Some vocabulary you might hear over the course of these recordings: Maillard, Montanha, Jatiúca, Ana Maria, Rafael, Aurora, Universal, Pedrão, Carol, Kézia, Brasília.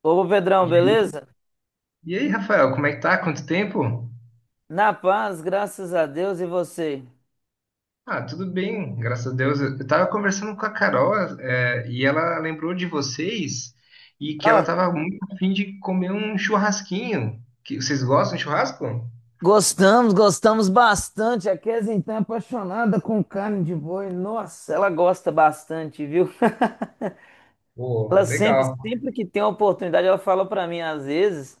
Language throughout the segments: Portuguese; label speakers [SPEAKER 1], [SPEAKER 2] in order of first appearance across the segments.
[SPEAKER 1] Ô Pedrão,
[SPEAKER 2] E aí,
[SPEAKER 1] beleza?
[SPEAKER 2] e aí, Rafael, como é que tá? Quanto tempo?
[SPEAKER 1] Na paz, graças a Deus e você?
[SPEAKER 2] Ah, tudo bem, graças a Deus. Eu tava conversando com a Carol, e ela lembrou de vocês e que ela
[SPEAKER 1] Ah,
[SPEAKER 2] tava muito a fim de comer um churrasquinho. Vocês gostam de churrasco?
[SPEAKER 1] gostamos, gostamos bastante. A Kézia então é apaixonada com carne de boi. Nossa, ela gosta bastante, viu?
[SPEAKER 2] Pô,
[SPEAKER 1] Ela sempre,
[SPEAKER 2] legal.
[SPEAKER 1] sempre que tem uma oportunidade, ela fala pra mim às vezes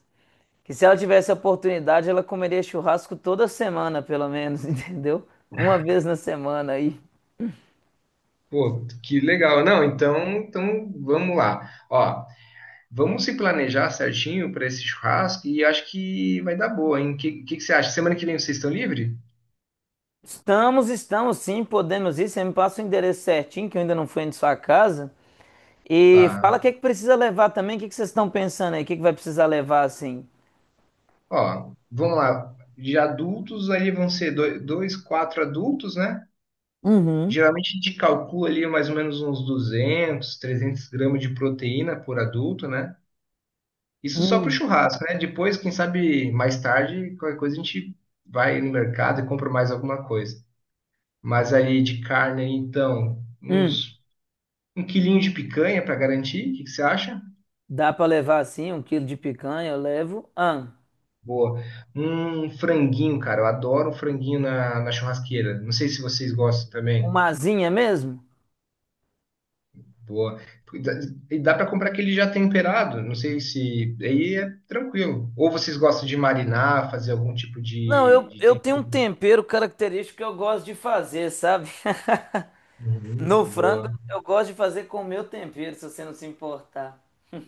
[SPEAKER 1] que se ela tivesse a oportunidade, ela comeria churrasco toda semana, pelo menos, entendeu? Uma vez na semana aí.
[SPEAKER 2] Pô, que legal. Não, então vamos lá. Ó, vamos se planejar certinho para esse churrasco e acho que vai dar boa, hein? O que você acha? Semana que vem vocês estão livres?
[SPEAKER 1] Estamos, estamos sim, podemos ir. Você me passa o endereço certinho, que eu ainda não fui em sua casa. E
[SPEAKER 2] Tá.
[SPEAKER 1] fala o que é que precisa levar também, o que é que vocês estão pensando aí? O que é que vai precisar levar assim?
[SPEAKER 2] Ó, vamos lá. De adultos, ali vão ser dois, quatro adultos, né?
[SPEAKER 1] Uhum.
[SPEAKER 2] Geralmente a gente calcula ali mais ou menos uns 200, 300 g de proteína por adulto, né? Isso só para o
[SPEAKER 1] Hum.
[SPEAKER 2] churrasco, né? Depois, quem sabe mais tarde, qualquer coisa a gente vai no mercado e compra mais alguma coisa. Mas aí de carne, então,
[SPEAKER 1] Hum,
[SPEAKER 2] uns um quilinho de picanha para garantir. O que que você acha?
[SPEAKER 1] dá para levar assim um quilo de picanha, eu levo. Ah,
[SPEAKER 2] Boa. Um franguinho, cara. Eu adoro um franguinho na churrasqueira. Não sei se vocês gostam também.
[SPEAKER 1] uma asinha mesmo?
[SPEAKER 2] Boa. E dá, e dá para comprar aquele já temperado, não sei se. Aí é tranquilo. Ou vocês gostam de marinar, fazer algum tipo
[SPEAKER 1] Não,
[SPEAKER 2] de,
[SPEAKER 1] eu,
[SPEAKER 2] de
[SPEAKER 1] eu tenho um
[SPEAKER 2] tempero?
[SPEAKER 1] tempero característico que eu gosto de fazer, sabe?
[SPEAKER 2] Uhum,
[SPEAKER 1] No frango,
[SPEAKER 2] boa.
[SPEAKER 1] eu gosto de fazer com o meu tempero, se você não se importar.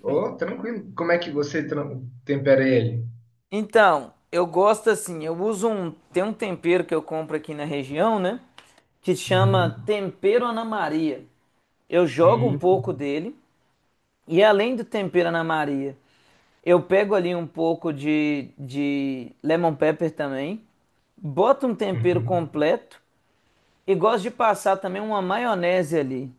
[SPEAKER 2] Ou tranquilo. Como é que você tempera ele?
[SPEAKER 1] Então, eu gosto assim, eu uso tem um tempero que eu compro aqui na região, né? Que chama
[SPEAKER 2] Uhum.
[SPEAKER 1] tempero Ana Maria. Eu jogo um
[SPEAKER 2] Hum,
[SPEAKER 1] pouco dele. E além do tempero Ana Maria, eu pego ali um pouco de lemon pepper também. Boto um tempero
[SPEAKER 2] uhum.
[SPEAKER 1] completo e gosto de passar também uma maionese ali.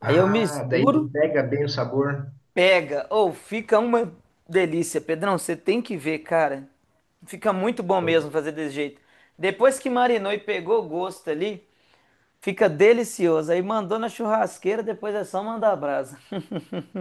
[SPEAKER 1] Aí eu
[SPEAKER 2] Ah, daí
[SPEAKER 1] misturo,
[SPEAKER 2] pega bem o sabor.
[SPEAKER 1] pega. Ou fica uma delícia. Pedrão, você tem que ver, cara. Fica muito bom mesmo fazer desse jeito. Depois que marinou e pegou o gosto ali, fica delicioso. Aí mandou na churrasqueira, depois é só mandar a brasa.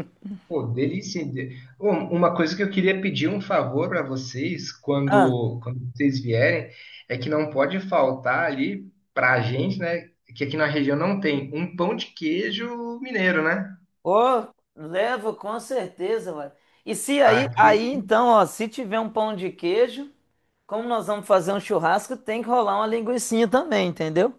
[SPEAKER 2] Pô, delícia. Bom, uma coisa que eu queria pedir um favor para vocês
[SPEAKER 1] Ah.
[SPEAKER 2] quando vocês vierem é que não pode faltar ali para a gente, né? Que aqui na região não tem um pão de queijo mineiro, né?
[SPEAKER 1] Ô, levo com certeza, ué. E se aí,
[SPEAKER 2] Aqui,
[SPEAKER 1] aí então, ó, se tiver um pão de queijo, como nós vamos fazer um churrasco, tem que rolar uma linguicinha também, entendeu?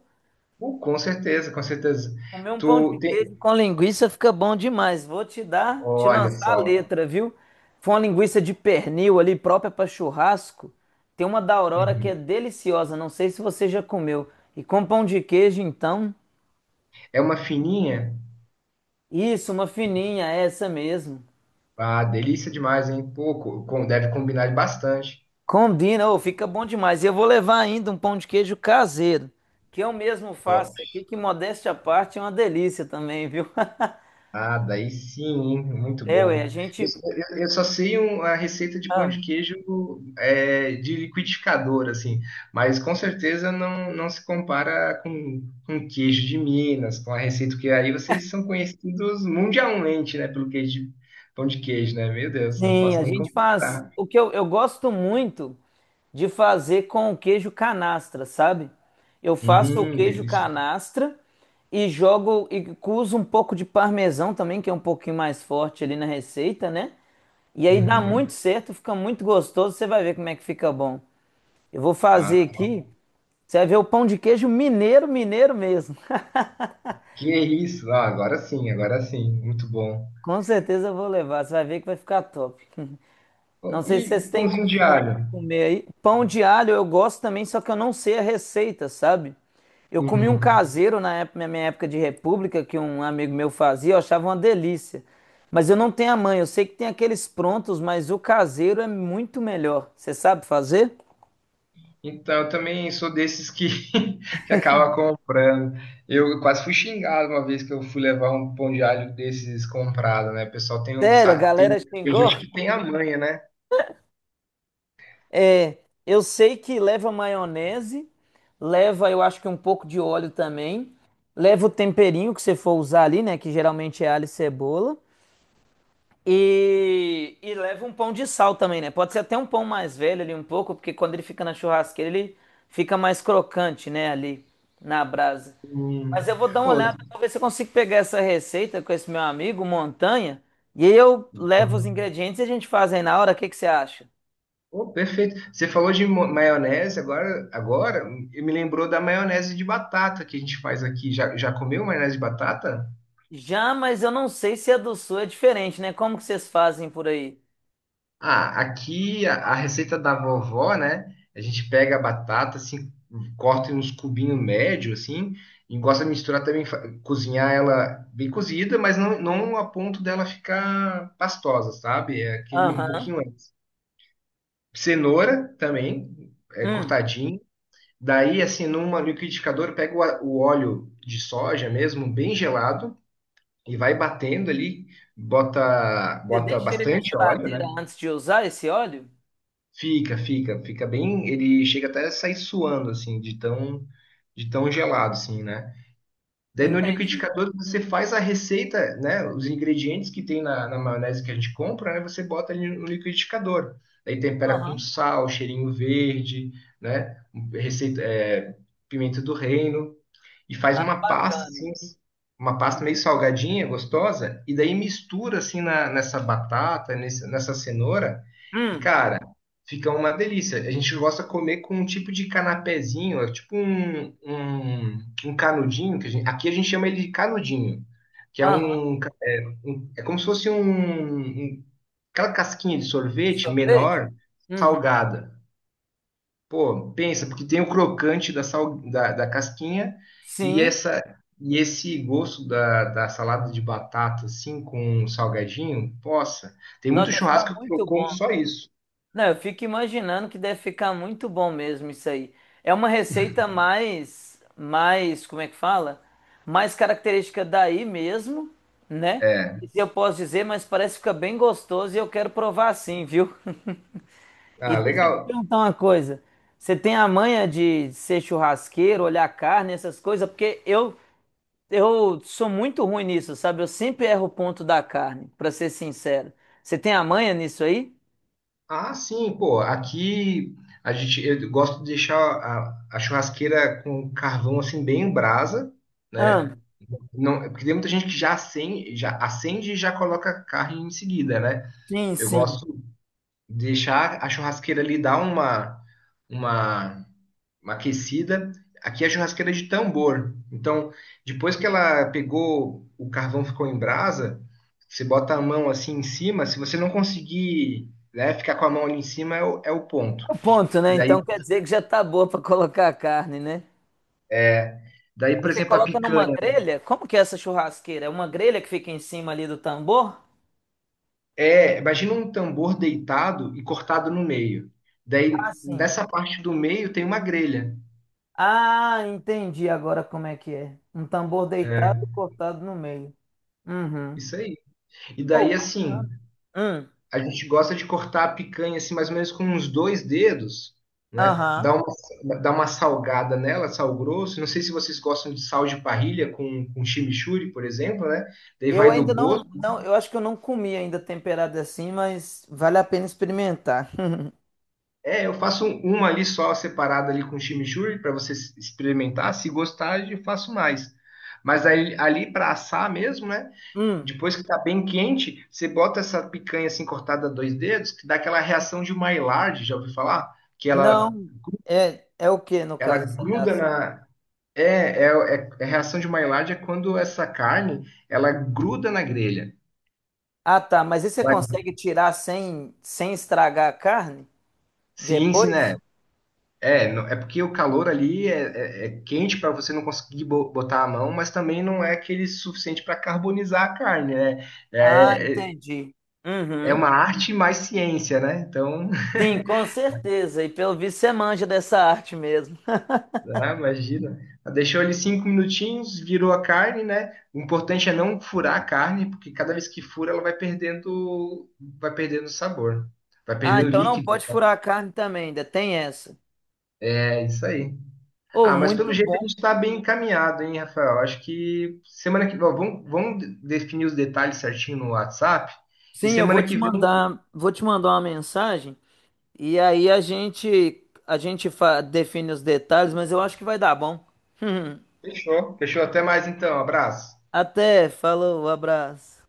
[SPEAKER 2] pô, com certeza, com certeza.
[SPEAKER 1] Comer um pão de
[SPEAKER 2] Tu tem,
[SPEAKER 1] queijo com linguiça fica bom demais. Vou te dar, te
[SPEAKER 2] olha
[SPEAKER 1] lançar a
[SPEAKER 2] só.
[SPEAKER 1] letra, viu? Foi uma linguiça de pernil ali própria para churrasco. Tem uma da Aurora que é
[SPEAKER 2] Uhum.
[SPEAKER 1] deliciosa, não sei se você já comeu. E com pão de queijo, então,
[SPEAKER 2] É uma fininha,
[SPEAKER 1] isso, uma fininha, é essa mesmo.
[SPEAKER 2] ah, delícia demais, hein? Pô, deve combinar bastante.
[SPEAKER 1] Combina, ô, fica bom demais. E eu vou levar ainda um pão de queijo caseiro, que eu mesmo faço aqui, que modéstia à parte é uma delícia também, viu?
[SPEAKER 2] Ah, daí sim, hein? Muito
[SPEAKER 1] É, ué,
[SPEAKER 2] bom.
[SPEAKER 1] a
[SPEAKER 2] Eu,
[SPEAKER 1] gente.
[SPEAKER 2] só eu- eu só sei a receita de pão
[SPEAKER 1] Ah,
[SPEAKER 2] de queijo é, de liquidificador, assim, mas com certeza não se compara com queijo de Minas, com a receita que aí vocês são conhecidos mundialmente, né, pelo queijo de, pão de queijo, né? Meu Deus, não
[SPEAKER 1] sim,
[SPEAKER 2] posso
[SPEAKER 1] a
[SPEAKER 2] nem
[SPEAKER 1] gente faz.
[SPEAKER 2] comparar.
[SPEAKER 1] O que eu gosto muito de fazer com o queijo canastra, sabe? Eu faço o queijo
[SPEAKER 2] Delícia.
[SPEAKER 1] canastra e jogo e uso um pouco de parmesão também, que é um pouquinho mais forte ali na receita, né? E aí dá muito
[SPEAKER 2] Uhum.
[SPEAKER 1] certo, fica muito gostoso. Você vai ver como é que fica bom. Eu vou
[SPEAKER 2] Ah,
[SPEAKER 1] fazer aqui. Você vai ver o pão de queijo mineiro, mineiro mesmo.
[SPEAKER 2] que isso? Ah, agora sim, muito bom.
[SPEAKER 1] Com certeza eu vou levar. Você vai ver que vai ficar top. Não
[SPEAKER 2] Oh,
[SPEAKER 1] sei se
[SPEAKER 2] e
[SPEAKER 1] vocês têm
[SPEAKER 2] pãozinho de
[SPEAKER 1] costume de
[SPEAKER 2] alho?
[SPEAKER 1] comer aí. Pão de alho eu gosto também, só que eu não sei a receita, sabe? Eu comi um
[SPEAKER 2] Uhum.
[SPEAKER 1] caseiro na época- na minha época de república, que um amigo meu fazia, eu achava uma delícia. Mas eu não tenho a mãe, eu sei que tem aqueles prontos, mas o caseiro é muito melhor. Você sabe fazer?
[SPEAKER 2] Então, eu também sou desses que, que acaba comprando. Eu quase fui xingado uma vez que eu fui levar um pão de alho desses comprado, né? O pessoal tem,
[SPEAKER 1] Sério, a galera
[SPEAKER 2] tem
[SPEAKER 1] xingou?
[SPEAKER 2] gente que tem a manha, né?
[SPEAKER 1] É, eu sei que leva maionese, leva, eu acho que um pouco de óleo também, leva o temperinho que você for usar ali, né, que geralmente é alho e cebola, e leva um pão de sal também, né? Pode ser até um pão mais velho ali um pouco, porque quando ele fica na churrasqueira ele fica mais crocante, né, ali na brasa. Mas
[SPEAKER 2] Hum.
[SPEAKER 1] eu vou dar uma
[SPEAKER 2] Ô,
[SPEAKER 1] olhada para ver se eu consigo pegar essa receita com esse meu amigo, Montanha, e aí eu levo os ingredientes e a gente faz aí na hora, o que que você acha?
[SPEAKER 2] ô, perfeito. Você falou de maionese, agora me lembrou da maionese de batata que a gente faz aqui. Já comeu maionese de batata?
[SPEAKER 1] Já, mas eu não sei se a do sul é diferente, né? Como que vocês fazem por aí?
[SPEAKER 2] Ah, aqui a, receita da vovó, né? A gente pega a batata, assim, corta em uns cubinhos médio, assim, e gosta de misturar também, fa- cozinhar ela bem cozida, mas não a ponto dela ficar pastosa, sabe? É aquele um
[SPEAKER 1] Aham.
[SPEAKER 2] pouquinho antes. Cenoura também, é
[SPEAKER 1] Hum.
[SPEAKER 2] cortadinho. Daí, assim, numa liquidificadora, pega o óleo de soja mesmo, bem gelado, e vai batendo ali, bota,
[SPEAKER 1] Você
[SPEAKER 2] bota
[SPEAKER 1] deixa ele na
[SPEAKER 2] bastante óleo,
[SPEAKER 1] geladeira
[SPEAKER 2] né?
[SPEAKER 1] antes de usar esse óleo?
[SPEAKER 2] Fica bem. Ele chega até a sair suando, assim, de tão gelado, assim, né? Daí no
[SPEAKER 1] Entendi.
[SPEAKER 2] liquidificador você faz a receita, né? Os ingredientes que tem na, maionese que a gente compra, né? Você bota ali no liquidificador. Daí tempera com
[SPEAKER 1] Aham.
[SPEAKER 2] sal, cheirinho verde, né? Receita, é, pimenta do reino e faz
[SPEAKER 1] Ah,
[SPEAKER 2] uma pasta
[SPEAKER 1] bacana.
[SPEAKER 2] assim, uma pasta meio
[SPEAKER 1] Uhum.
[SPEAKER 2] salgadinha, gostosa, e daí mistura assim na- nessa batata, nesse- nessa cenoura, e
[SPEAKER 1] Hum.
[SPEAKER 2] cara, fica uma delícia. A gente gosta de comer com um tipo de canapézinho, é tipo um, canudinho, que a gente- aqui a gente chama ele de canudinho, que é
[SPEAKER 1] Aham.
[SPEAKER 2] um, é como se fosse um, um- aquela casquinha de
[SPEAKER 1] De
[SPEAKER 2] sorvete
[SPEAKER 1] sorvete?
[SPEAKER 2] menor,
[SPEAKER 1] Uhum.
[SPEAKER 2] salgada. Pô, pensa, porque tem o crocante da casquinha e
[SPEAKER 1] Sim.
[SPEAKER 2] essa e esse gosto da salada de batata, assim, com um salgadinho, possa. Tem
[SPEAKER 1] Nota
[SPEAKER 2] muito
[SPEAKER 1] deve ficar
[SPEAKER 2] churrasco que eu
[SPEAKER 1] muito
[SPEAKER 2] como
[SPEAKER 1] bom.
[SPEAKER 2] só isso.
[SPEAKER 1] Não, eu fico imaginando que deve ficar muito bom mesmo isso aí. É uma receita mais, como é que fala? Mais característica daí mesmo, né?
[SPEAKER 2] É,
[SPEAKER 1] Isso eu posso dizer, mas parece que fica bem gostoso e eu quero provar sim, viu? E
[SPEAKER 2] ah,
[SPEAKER 1] deixa eu te
[SPEAKER 2] legal.
[SPEAKER 1] perguntar uma coisa. Você tem a manha de ser churrasqueiro, olhar carne, essas coisas? Porque eu sou muito ruim nisso, sabe? Eu sempre erro o ponto da carne, pra ser sincero. Você tem a manha nisso aí?
[SPEAKER 2] Ah, sim, pô, aqui a gente, eu gosto de deixar a churrasqueira com carvão, assim, bem em brasa, né?
[SPEAKER 1] Ah,
[SPEAKER 2] Não, porque tem muita gente que já acende e já coloca carne em seguida, né?
[SPEAKER 1] sim,
[SPEAKER 2] Eu
[SPEAKER 1] sim.
[SPEAKER 2] gosto deixar a churrasqueira ali dar uma, uma aquecida. Aqui a churrasqueira é de tambor. Então, depois que ela pegou, o carvão ficou em brasa, você bota a mão assim em cima, se você não conseguir, né, ficar com a mão ali em cima, é o ponto.
[SPEAKER 1] O ponto,
[SPEAKER 2] E
[SPEAKER 1] né?
[SPEAKER 2] daí,
[SPEAKER 1] Então quer dizer que já tá boa pra colocar a carne, né?
[SPEAKER 2] é, daí,
[SPEAKER 1] Aí
[SPEAKER 2] por
[SPEAKER 1] você
[SPEAKER 2] exemplo, a
[SPEAKER 1] coloca numa
[SPEAKER 2] picanha.
[SPEAKER 1] grelha. Como que é essa churrasqueira? É uma grelha que fica em cima ali do tambor?
[SPEAKER 2] É, imagina um tambor deitado e cortado no meio. Daí,
[SPEAKER 1] Ah, sim.
[SPEAKER 2] nessa parte do meio tem uma grelha.
[SPEAKER 1] Ah, entendi agora como é que é. Um tambor deitado
[SPEAKER 2] É,
[SPEAKER 1] cortado no meio. Uhum.
[SPEAKER 2] isso aí. E daí,
[SPEAKER 1] Oh, bacana.
[SPEAKER 2] assim,
[SPEAKER 1] Hum,
[SPEAKER 2] a gente gosta de cortar a picanha assim, mais ou menos com uns dois dedos, né?
[SPEAKER 1] aham.
[SPEAKER 2] dá uma, salgada nela, sal grosso. Não sei se vocês gostam de sal de parrilha com chimichurri, por exemplo, né? Daí
[SPEAKER 1] Eu
[SPEAKER 2] vai do
[SPEAKER 1] ainda não,
[SPEAKER 2] gosto.
[SPEAKER 1] não, eu acho que eu não comi ainda temperado assim, mas vale a pena experimentar.
[SPEAKER 2] É, eu faço um- uma ali só separada ali com chimichurri para você experimentar. Se gostar, eu faço mais. Mas aí, ali para assar mesmo, né?
[SPEAKER 1] Hum,
[SPEAKER 2] Depois que tá bem quente, você bota essa picanha assim cortada a dois dedos, que dá aquela reação de Maillard, já ouviu falar? Que ela
[SPEAKER 1] não, é o que no
[SPEAKER 2] Ela
[SPEAKER 1] caso essa
[SPEAKER 2] gruda
[SPEAKER 1] reação?
[SPEAKER 2] na. É reação de Maillard é quando essa carne ela gruda na grelha.
[SPEAKER 1] Ah, tá. Mas e você
[SPEAKER 2] Ela-
[SPEAKER 1] consegue tirar sem estragar a carne
[SPEAKER 2] Sim, sim,
[SPEAKER 1] depois?
[SPEAKER 2] né? É, não- é porque o calor ali é quente para você não conseguir botar a mão, mas também não é aquele suficiente para carbonizar a carne, né?
[SPEAKER 1] Ah,
[SPEAKER 2] É, é
[SPEAKER 1] entendi.
[SPEAKER 2] é
[SPEAKER 1] Uhum.
[SPEAKER 2] uma arte mais ciência, né? Então.
[SPEAKER 1] Sim, com certeza. E pelo visto você manja dessa arte mesmo.
[SPEAKER 2] Ah, imagina. Deixou ali 5 minutinhos, virou a carne, né? O importante é não furar a carne, porque cada vez que fura, ela vai perdendo sabor, vai
[SPEAKER 1] Ah,
[SPEAKER 2] perdendo
[SPEAKER 1] então não
[SPEAKER 2] líquido.
[SPEAKER 1] pode furar a carne também, ainda tem essa.
[SPEAKER 2] É isso aí.
[SPEAKER 1] Oh,
[SPEAKER 2] Ah, mas pelo
[SPEAKER 1] muito
[SPEAKER 2] jeito a
[SPEAKER 1] bom.
[SPEAKER 2] gente está bem encaminhado, hein, Rafael? Acho que semana que ó, vamos definir os detalhes certinho no WhatsApp. E
[SPEAKER 1] Sim, eu
[SPEAKER 2] semana que vem,
[SPEAKER 1] vou te mandar uma mensagem e aí a gente define os detalhes, mas eu acho que vai dar bom.
[SPEAKER 2] fechou. Fechou. Até mais então. Abraço.
[SPEAKER 1] Até, falou, abraço.